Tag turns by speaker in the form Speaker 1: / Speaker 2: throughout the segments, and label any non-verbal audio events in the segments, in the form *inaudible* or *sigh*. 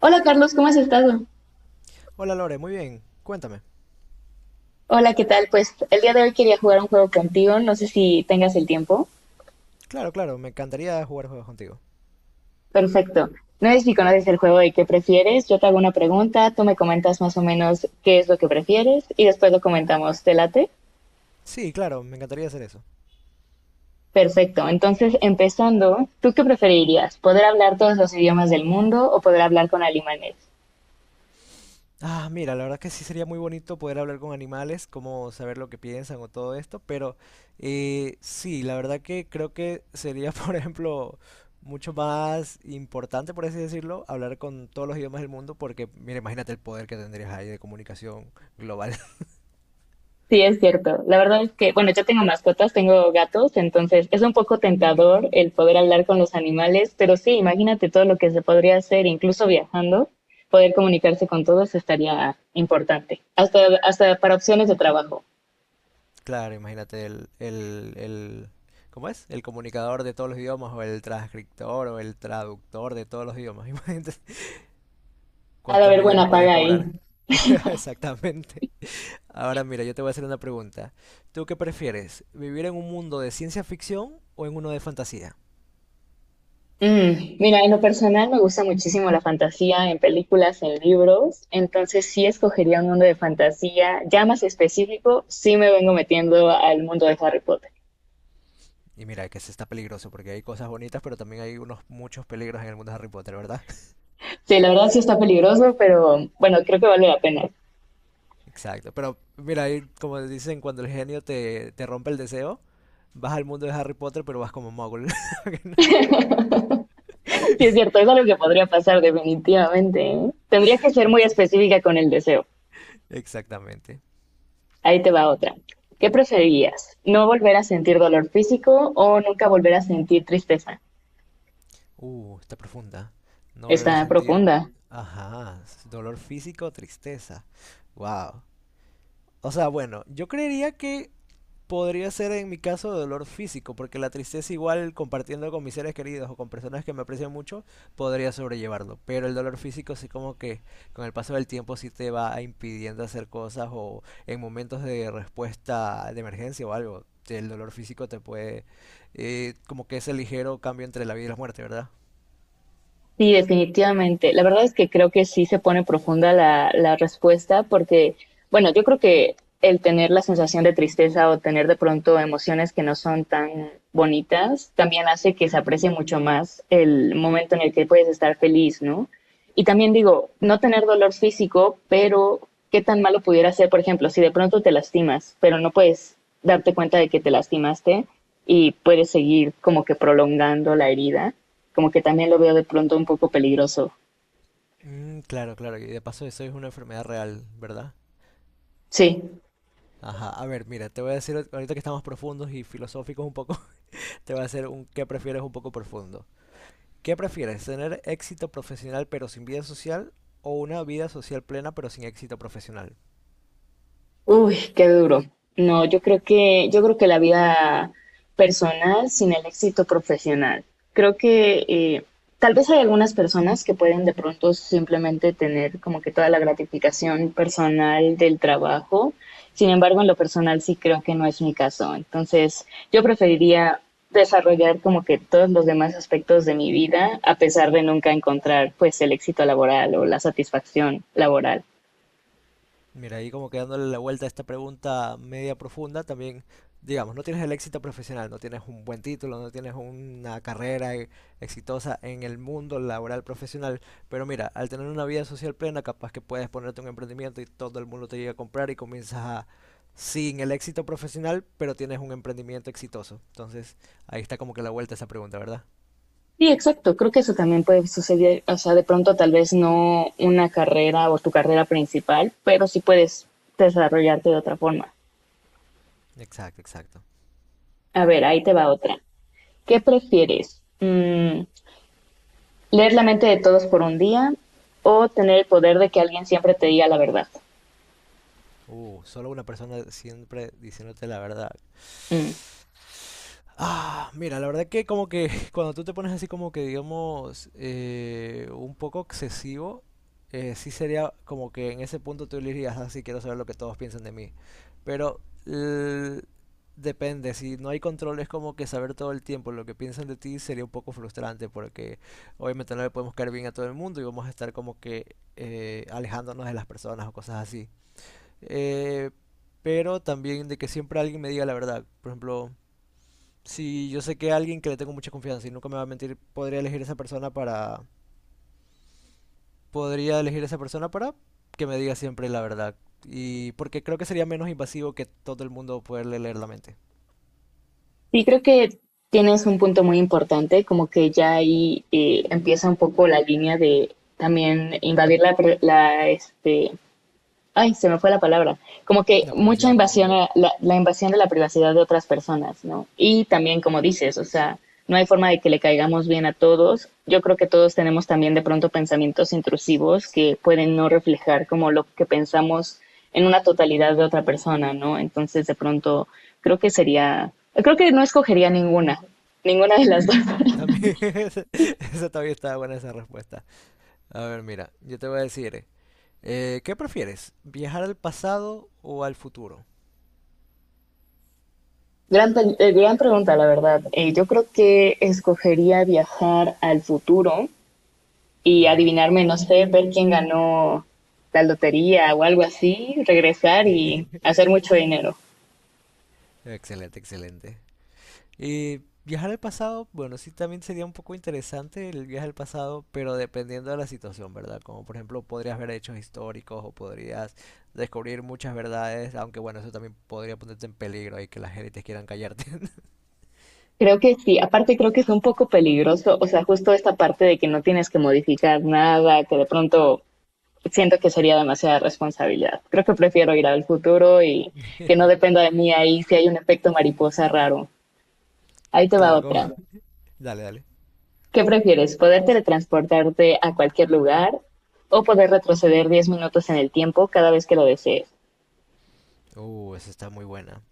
Speaker 1: Hola Carlos, ¿cómo has estado?
Speaker 2: Hola Lore, muy bien. Cuéntame.
Speaker 1: Hola, ¿qué tal? Pues el día de hoy quería jugar un juego contigo, no sé si tengas el tiempo.
Speaker 2: Claro, me encantaría jugar juegos contigo.
Speaker 1: Perfecto. No sé si conoces el juego de qué prefieres, yo te hago una pregunta, tú me comentas más o menos qué es lo que prefieres y después lo comentamos, ¿te late?
Speaker 2: Sí, claro, me encantaría hacer eso.
Speaker 1: Perfecto, entonces empezando, ¿tú qué preferirías? ¿Poder hablar todos los idiomas del mundo o poder hablar con alemanes?
Speaker 2: Ah, mira, la verdad que sí sería muy bonito poder hablar con animales, como saber lo que piensan o todo esto, pero sí, la verdad que creo que sería, *laughs* por ejemplo, mucho más importante, por así decirlo, hablar con todos los idiomas del mundo, porque, mira, imagínate el poder que tendrías ahí de comunicación global.
Speaker 1: Sí, es cierto. La verdad es que, bueno, yo tengo mascotas, tengo gatos, entonces es un poco tentador el poder hablar con los animales, pero sí, imagínate todo lo que se podría hacer, incluso viajando, poder comunicarse con todos estaría importante, hasta para opciones de trabajo.
Speaker 2: Claro, imagínate el ¿cómo es? El comunicador de todos los idiomas o el transcriptor o el traductor de todos los idiomas. *laughs* Imagínate
Speaker 1: Ha de
Speaker 2: cuántos
Speaker 1: haber
Speaker 2: millones
Speaker 1: buena
Speaker 2: podrías
Speaker 1: paga ahí.
Speaker 2: cobrar. *laughs* Exactamente. Ahora mira, yo te voy a hacer una pregunta. ¿Tú qué prefieres? ¿Vivir en un mundo de ciencia ficción o en uno de fantasía?
Speaker 1: Mira, en lo personal me gusta muchísimo la fantasía en películas, en libros, entonces sí escogería un mundo de fantasía, ya más específico, sí me vengo metiendo al mundo de Harry Potter.
Speaker 2: Y mira, que se está peligroso porque hay cosas bonitas, pero también hay unos muchos peligros en el mundo de Harry Potter, ¿verdad?
Speaker 1: Sí, la verdad sí está peligroso, pero bueno, creo que vale la pena.
Speaker 2: Exacto, pero mira, ahí, como dicen, cuando el genio te rompe el deseo, vas al mundo de Harry Potter, pero vas como muggle. *laughs*
Speaker 1: Sí, es cierto, es algo que podría pasar definitivamente. ¿Eh? Tendría que ser muy
Speaker 2: Ex-
Speaker 1: específica con el deseo.
Speaker 2: Exactamente.
Speaker 1: Ahí te va otra. ¿Qué preferirías? ¿No volver a sentir dolor físico o nunca volver a sentir tristeza?
Speaker 2: Está profunda. No volver a
Speaker 1: Está
Speaker 2: sentir,
Speaker 1: profunda.
Speaker 2: ajá, dolor físico o tristeza. Wow. O sea, bueno, yo creería que podría ser en mi caso dolor físico, porque la tristeza igual compartiendo con mis seres queridos o con personas que me aprecian mucho, podría sobrellevarlo. Pero el dolor físico sí como que con el paso del tiempo sí te va impidiendo hacer cosas o en momentos de respuesta de emergencia o algo. El dolor físico te puede... como que ese ligero cambio entre la vida y la muerte, ¿verdad?
Speaker 1: Sí, definitivamente. La verdad es que creo que sí se pone profunda la respuesta porque, bueno, yo creo que el tener la sensación de tristeza o tener de pronto emociones que no son tan bonitas también hace que se aprecie mucho más el momento en el que puedes estar feliz, ¿no? Y también digo, no tener dolor físico, pero qué tan malo pudiera ser, por ejemplo, si de pronto te lastimas, pero no puedes darte cuenta de que te lastimaste y puedes seguir como que prolongando la herida como que también lo veo de pronto un poco peligroso.
Speaker 2: Mm, claro. Y de paso eso es una enfermedad real, ¿verdad?
Speaker 1: Sí.
Speaker 2: Ajá. A ver, mira, te voy a decir ahorita que estamos profundos y filosóficos un poco, *laughs* te voy a hacer un qué prefieres un poco profundo. ¿Qué prefieres? ¿Tener éxito profesional pero sin vida social o una vida social plena pero sin éxito profesional?
Speaker 1: Uy, qué duro. No, yo creo que la vida personal sin el éxito profesional. Creo que tal vez hay algunas personas que pueden de pronto simplemente tener como que toda la gratificación personal del trabajo. Sin embargo, en lo personal sí creo que no es mi caso. Entonces, yo preferiría desarrollar como que todos los demás aspectos de mi vida a pesar de nunca encontrar pues el éxito laboral o la satisfacción laboral.
Speaker 2: Mira, ahí como que dándole la vuelta a esta pregunta media profunda, también, digamos, no tienes el éxito profesional, no tienes un buen título, no tienes una carrera exitosa en el mundo laboral profesional, pero mira, al tener una vida social plena, capaz que puedes ponerte un emprendimiento y todo el mundo te llega a comprar y comienzas a, sin el éxito profesional, pero tienes un emprendimiento exitoso. Entonces, ahí está como que la vuelta a esa pregunta, ¿verdad?
Speaker 1: Sí, exacto. Creo que eso también puede suceder. O sea, de pronto tal vez no una carrera o tu carrera principal, pero sí puedes desarrollarte de otra forma.
Speaker 2: Exacto.
Speaker 1: A ver, ahí te va otra. ¿Qué prefieres? Mm, ¿leer la mente de todos por un día o tener el poder de que alguien siempre te diga la verdad?
Speaker 2: Solo una persona siempre diciéndote la verdad.
Speaker 1: Mm.
Speaker 2: Ah, mira, la verdad que como que *laughs* cuando tú te pones así como que digamos un poco excesivo, sí sería como que en ese punto tú le dirías, así quiero saber lo que todos piensan de mí. Pero l- depende, si no hay control es como que saber todo el tiempo lo que piensan de ti sería un poco frustrante porque obviamente no le podemos caer bien a todo el mundo y vamos a estar como que alejándonos de las personas o cosas así eh, pero también de que siempre alguien me diga la verdad. Por ejemplo, si yo sé que alguien que le tengo mucha confianza y nunca me va a mentir, podría elegir esa persona para que me diga siempre la verdad. Y porque creo que sería menos invasivo que todo el mundo poderle leer la mente.
Speaker 1: Sí, creo que tienes un punto muy importante, como que ya ahí empieza un poco la línea de también invadir la, este, ay, se me fue la palabra, como que
Speaker 2: La
Speaker 1: mucha
Speaker 2: privacidad.
Speaker 1: invasión, a la invasión de la privacidad de otras personas, ¿no? Y también, como dices, o sea, no hay forma de que le caigamos bien a todos. Yo creo que todos tenemos también de pronto pensamientos intrusivos que pueden no reflejar como lo que pensamos en una totalidad de otra persona, ¿no? Entonces, de pronto, creo que sería, creo que no escogería ninguna, ninguna de las dos.
Speaker 2: Mm.
Speaker 1: *laughs*
Speaker 2: También, *laughs* esa también está buena esa respuesta. A ver, mira, yo te voy a decir, ¿qué prefieres? ¿Viajar al pasado o al futuro?
Speaker 1: Gran, gran pregunta, la verdad. Yo creo que escogería viajar al futuro y
Speaker 2: Ajá.
Speaker 1: adivinarme, no sé, ver quién ganó la lotería o algo así, regresar y
Speaker 2: *laughs*
Speaker 1: hacer mucho dinero.
Speaker 2: Excelente. Y viajar al pasado, bueno, sí también sería un poco interesante el viaje al pasado, pero dependiendo de la situación, ¿verdad? Como por ejemplo podrías ver hechos históricos o podrías descubrir muchas verdades, aunque bueno, eso también podría ponerte en peligro y que las élites quieran callarte.
Speaker 1: Creo que sí, aparte creo que es un poco peligroso, o sea, justo esta parte de que no tienes que modificar nada, que de pronto siento que sería demasiada responsabilidad. Creo que prefiero ir al futuro y que no
Speaker 2: *laughs*
Speaker 1: dependa de mí ahí si hay un efecto mariposa raro. Ahí te va
Speaker 2: Claro, como...
Speaker 1: otra.
Speaker 2: Dale.
Speaker 1: ¿Qué prefieres? ¿Poder teletransportarte a cualquier lugar o poder retroceder 10 minutos en el tiempo cada vez que lo desees?
Speaker 2: Esa está muy buena.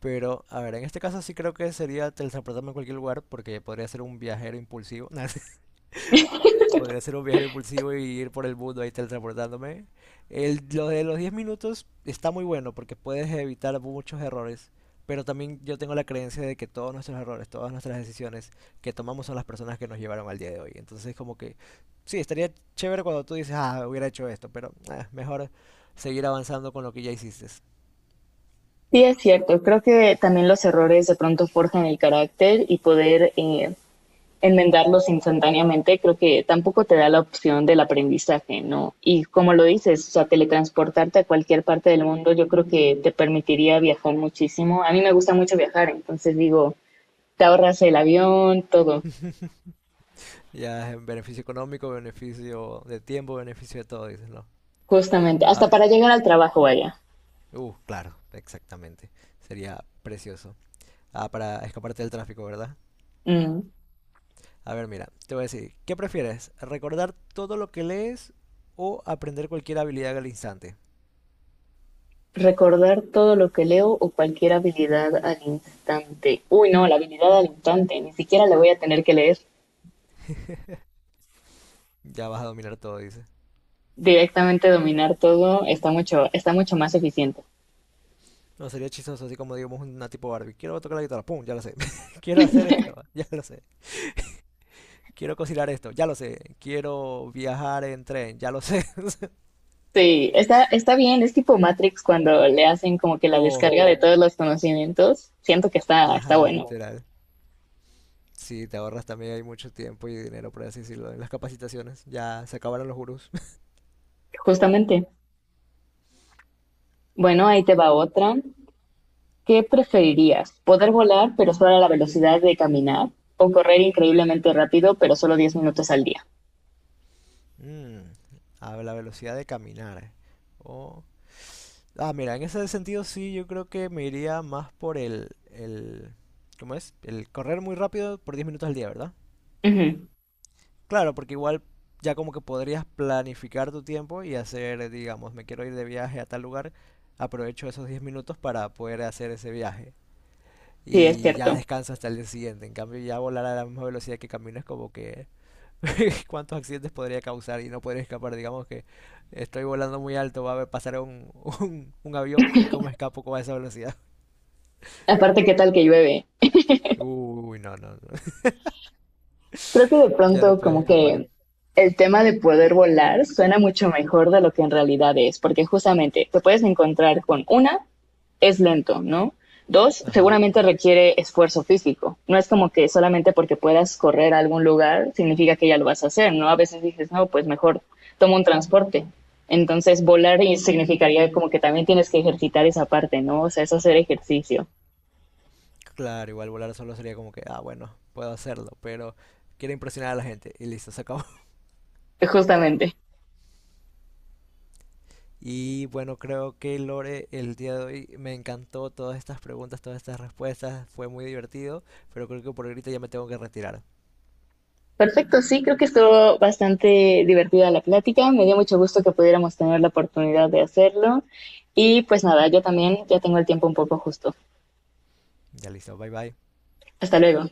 Speaker 2: Pero, a ver, en este caso sí creo que sería teletransportarme a cualquier lugar porque podría ser un viajero impulsivo. *laughs* Podría ser un viaje impulsivo y ir por el mundo ahí teletransportándome. Lo de los 10 minutos está muy bueno porque puedes evitar muchos errores. Pero también yo tengo la creencia de que todos nuestros errores, todas nuestras decisiones que tomamos son las personas que nos llevaron al día de hoy. Entonces como que sí, estaría chévere cuando tú dices, ah, hubiera hecho esto, pero ah, mejor seguir avanzando con lo que ya hiciste.
Speaker 1: Sí, es cierto. Creo que también los errores de pronto forjan el carácter y poder enmendarlos instantáneamente, creo que tampoco te da la opción del aprendizaje, ¿no? Y como lo dices, o sea, teletransportarte a cualquier parte del mundo, yo creo que te permitiría viajar muchísimo. A mí me gusta mucho viajar, entonces digo, te ahorras el avión, todo,
Speaker 2: *laughs* Ya es beneficio económico, beneficio de tiempo, beneficio de todo, dices, ¿no?
Speaker 1: justamente,
Speaker 2: Ah,
Speaker 1: hasta para llegar al trabajo, vaya.
Speaker 2: claro, exactamente. Sería precioso. Ah, para escaparte del tráfico, ¿verdad?
Speaker 1: Mm.
Speaker 2: A ver, mira, te voy a decir, ¿qué prefieres? ¿Recordar todo lo que lees o aprender cualquier habilidad al instante?
Speaker 1: Recordar todo lo que leo o cualquier habilidad al instante. Uy, no, la habilidad al instante, ni siquiera la voy a tener que leer.
Speaker 2: Ya vas a dominar todo, dice.
Speaker 1: Directamente dominar todo está mucho más eficiente.
Speaker 2: No, sería chistoso, así como digamos una tipo Barbie. Quiero tocar la guitarra, pum, ya lo sé. *laughs* Quiero hacer esto, ya lo sé. Quiero cocinar esto, ya lo sé. Quiero viajar en tren, ya lo sé. *laughs*
Speaker 1: Sí, está bien, es tipo Matrix cuando le hacen como que la
Speaker 2: O,
Speaker 1: descarga de todos los conocimientos. Siento que está
Speaker 2: ajá,
Speaker 1: bueno,
Speaker 2: literal. Sí, te ahorras también hay mucho tiempo y dinero, por así decirlo, en las capacitaciones. Ya se acabaron los gurús.
Speaker 1: justamente. Bueno, ahí te va otra. ¿Qué preferirías? ¿Poder volar pero solo a la velocidad de caminar? ¿O correr increíblemente rápido pero solo 10 minutos al día?
Speaker 2: Mm, a la velocidad de caminar. O... Ah, mira, en ese sentido sí, yo creo que me iría más por el... ¿Cómo es? El correr muy rápido por 10 minutos al día, ¿verdad?
Speaker 1: Ujú.
Speaker 2: Claro, porque igual ya como que podrías planificar tu tiempo y hacer, digamos, me quiero ir de viaje a tal lugar, aprovecho esos 10 minutos para poder hacer ese viaje.
Speaker 1: Sí, es
Speaker 2: Y ya
Speaker 1: cierto.
Speaker 2: descanso hasta el día siguiente. En cambio, ya volar a la misma velocidad que camino es como que *laughs* cuántos accidentes podría causar y no podría escapar. Digamos que estoy volando muy alto, va a pasar *laughs* un avión y cómo escapo con esa velocidad.
Speaker 1: Aparte, ¿qué tal que llueve?
Speaker 2: *laughs* Uy, no, no, no. *laughs*
Speaker 1: Creo que de
Speaker 2: Ya no
Speaker 1: pronto
Speaker 2: puedes
Speaker 1: como
Speaker 2: escapar.
Speaker 1: que el tema de poder volar suena mucho mejor de lo que en realidad es, porque justamente te puedes encontrar con una, es lento, ¿no? Dos,
Speaker 2: Ajá.
Speaker 1: seguramente requiere esfuerzo físico. No es como que solamente porque puedas correr a algún lugar significa que ya lo vas a hacer, ¿no? A veces dices, no, pues mejor tomo un transporte. Entonces, volar significaría como que también tienes que ejercitar esa parte, ¿no? O sea, es hacer ejercicio,
Speaker 2: Claro, igual volar solo sería como que, ah, bueno, puedo hacerlo, pero quiero impresionar a la gente y listo, se acabó. *laughs*
Speaker 1: justamente.
Speaker 2: Y bueno, creo que Lore, el día de hoy me encantó todas estas preguntas, todas estas respuestas, fue muy divertido, pero creo que por ahorita ya me tengo que retirar.
Speaker 1: Perfecto, sí, creo que estuvo bastante divertida la plática. Me dio mucho gusto que pudiéramos tener la oportunidad de hacerlo. Y pues nada, yo también ya tengo el tiempo un poco justo.
Speaker 2: Ya listo, bye bye.
Speaker 1: Hasta luego.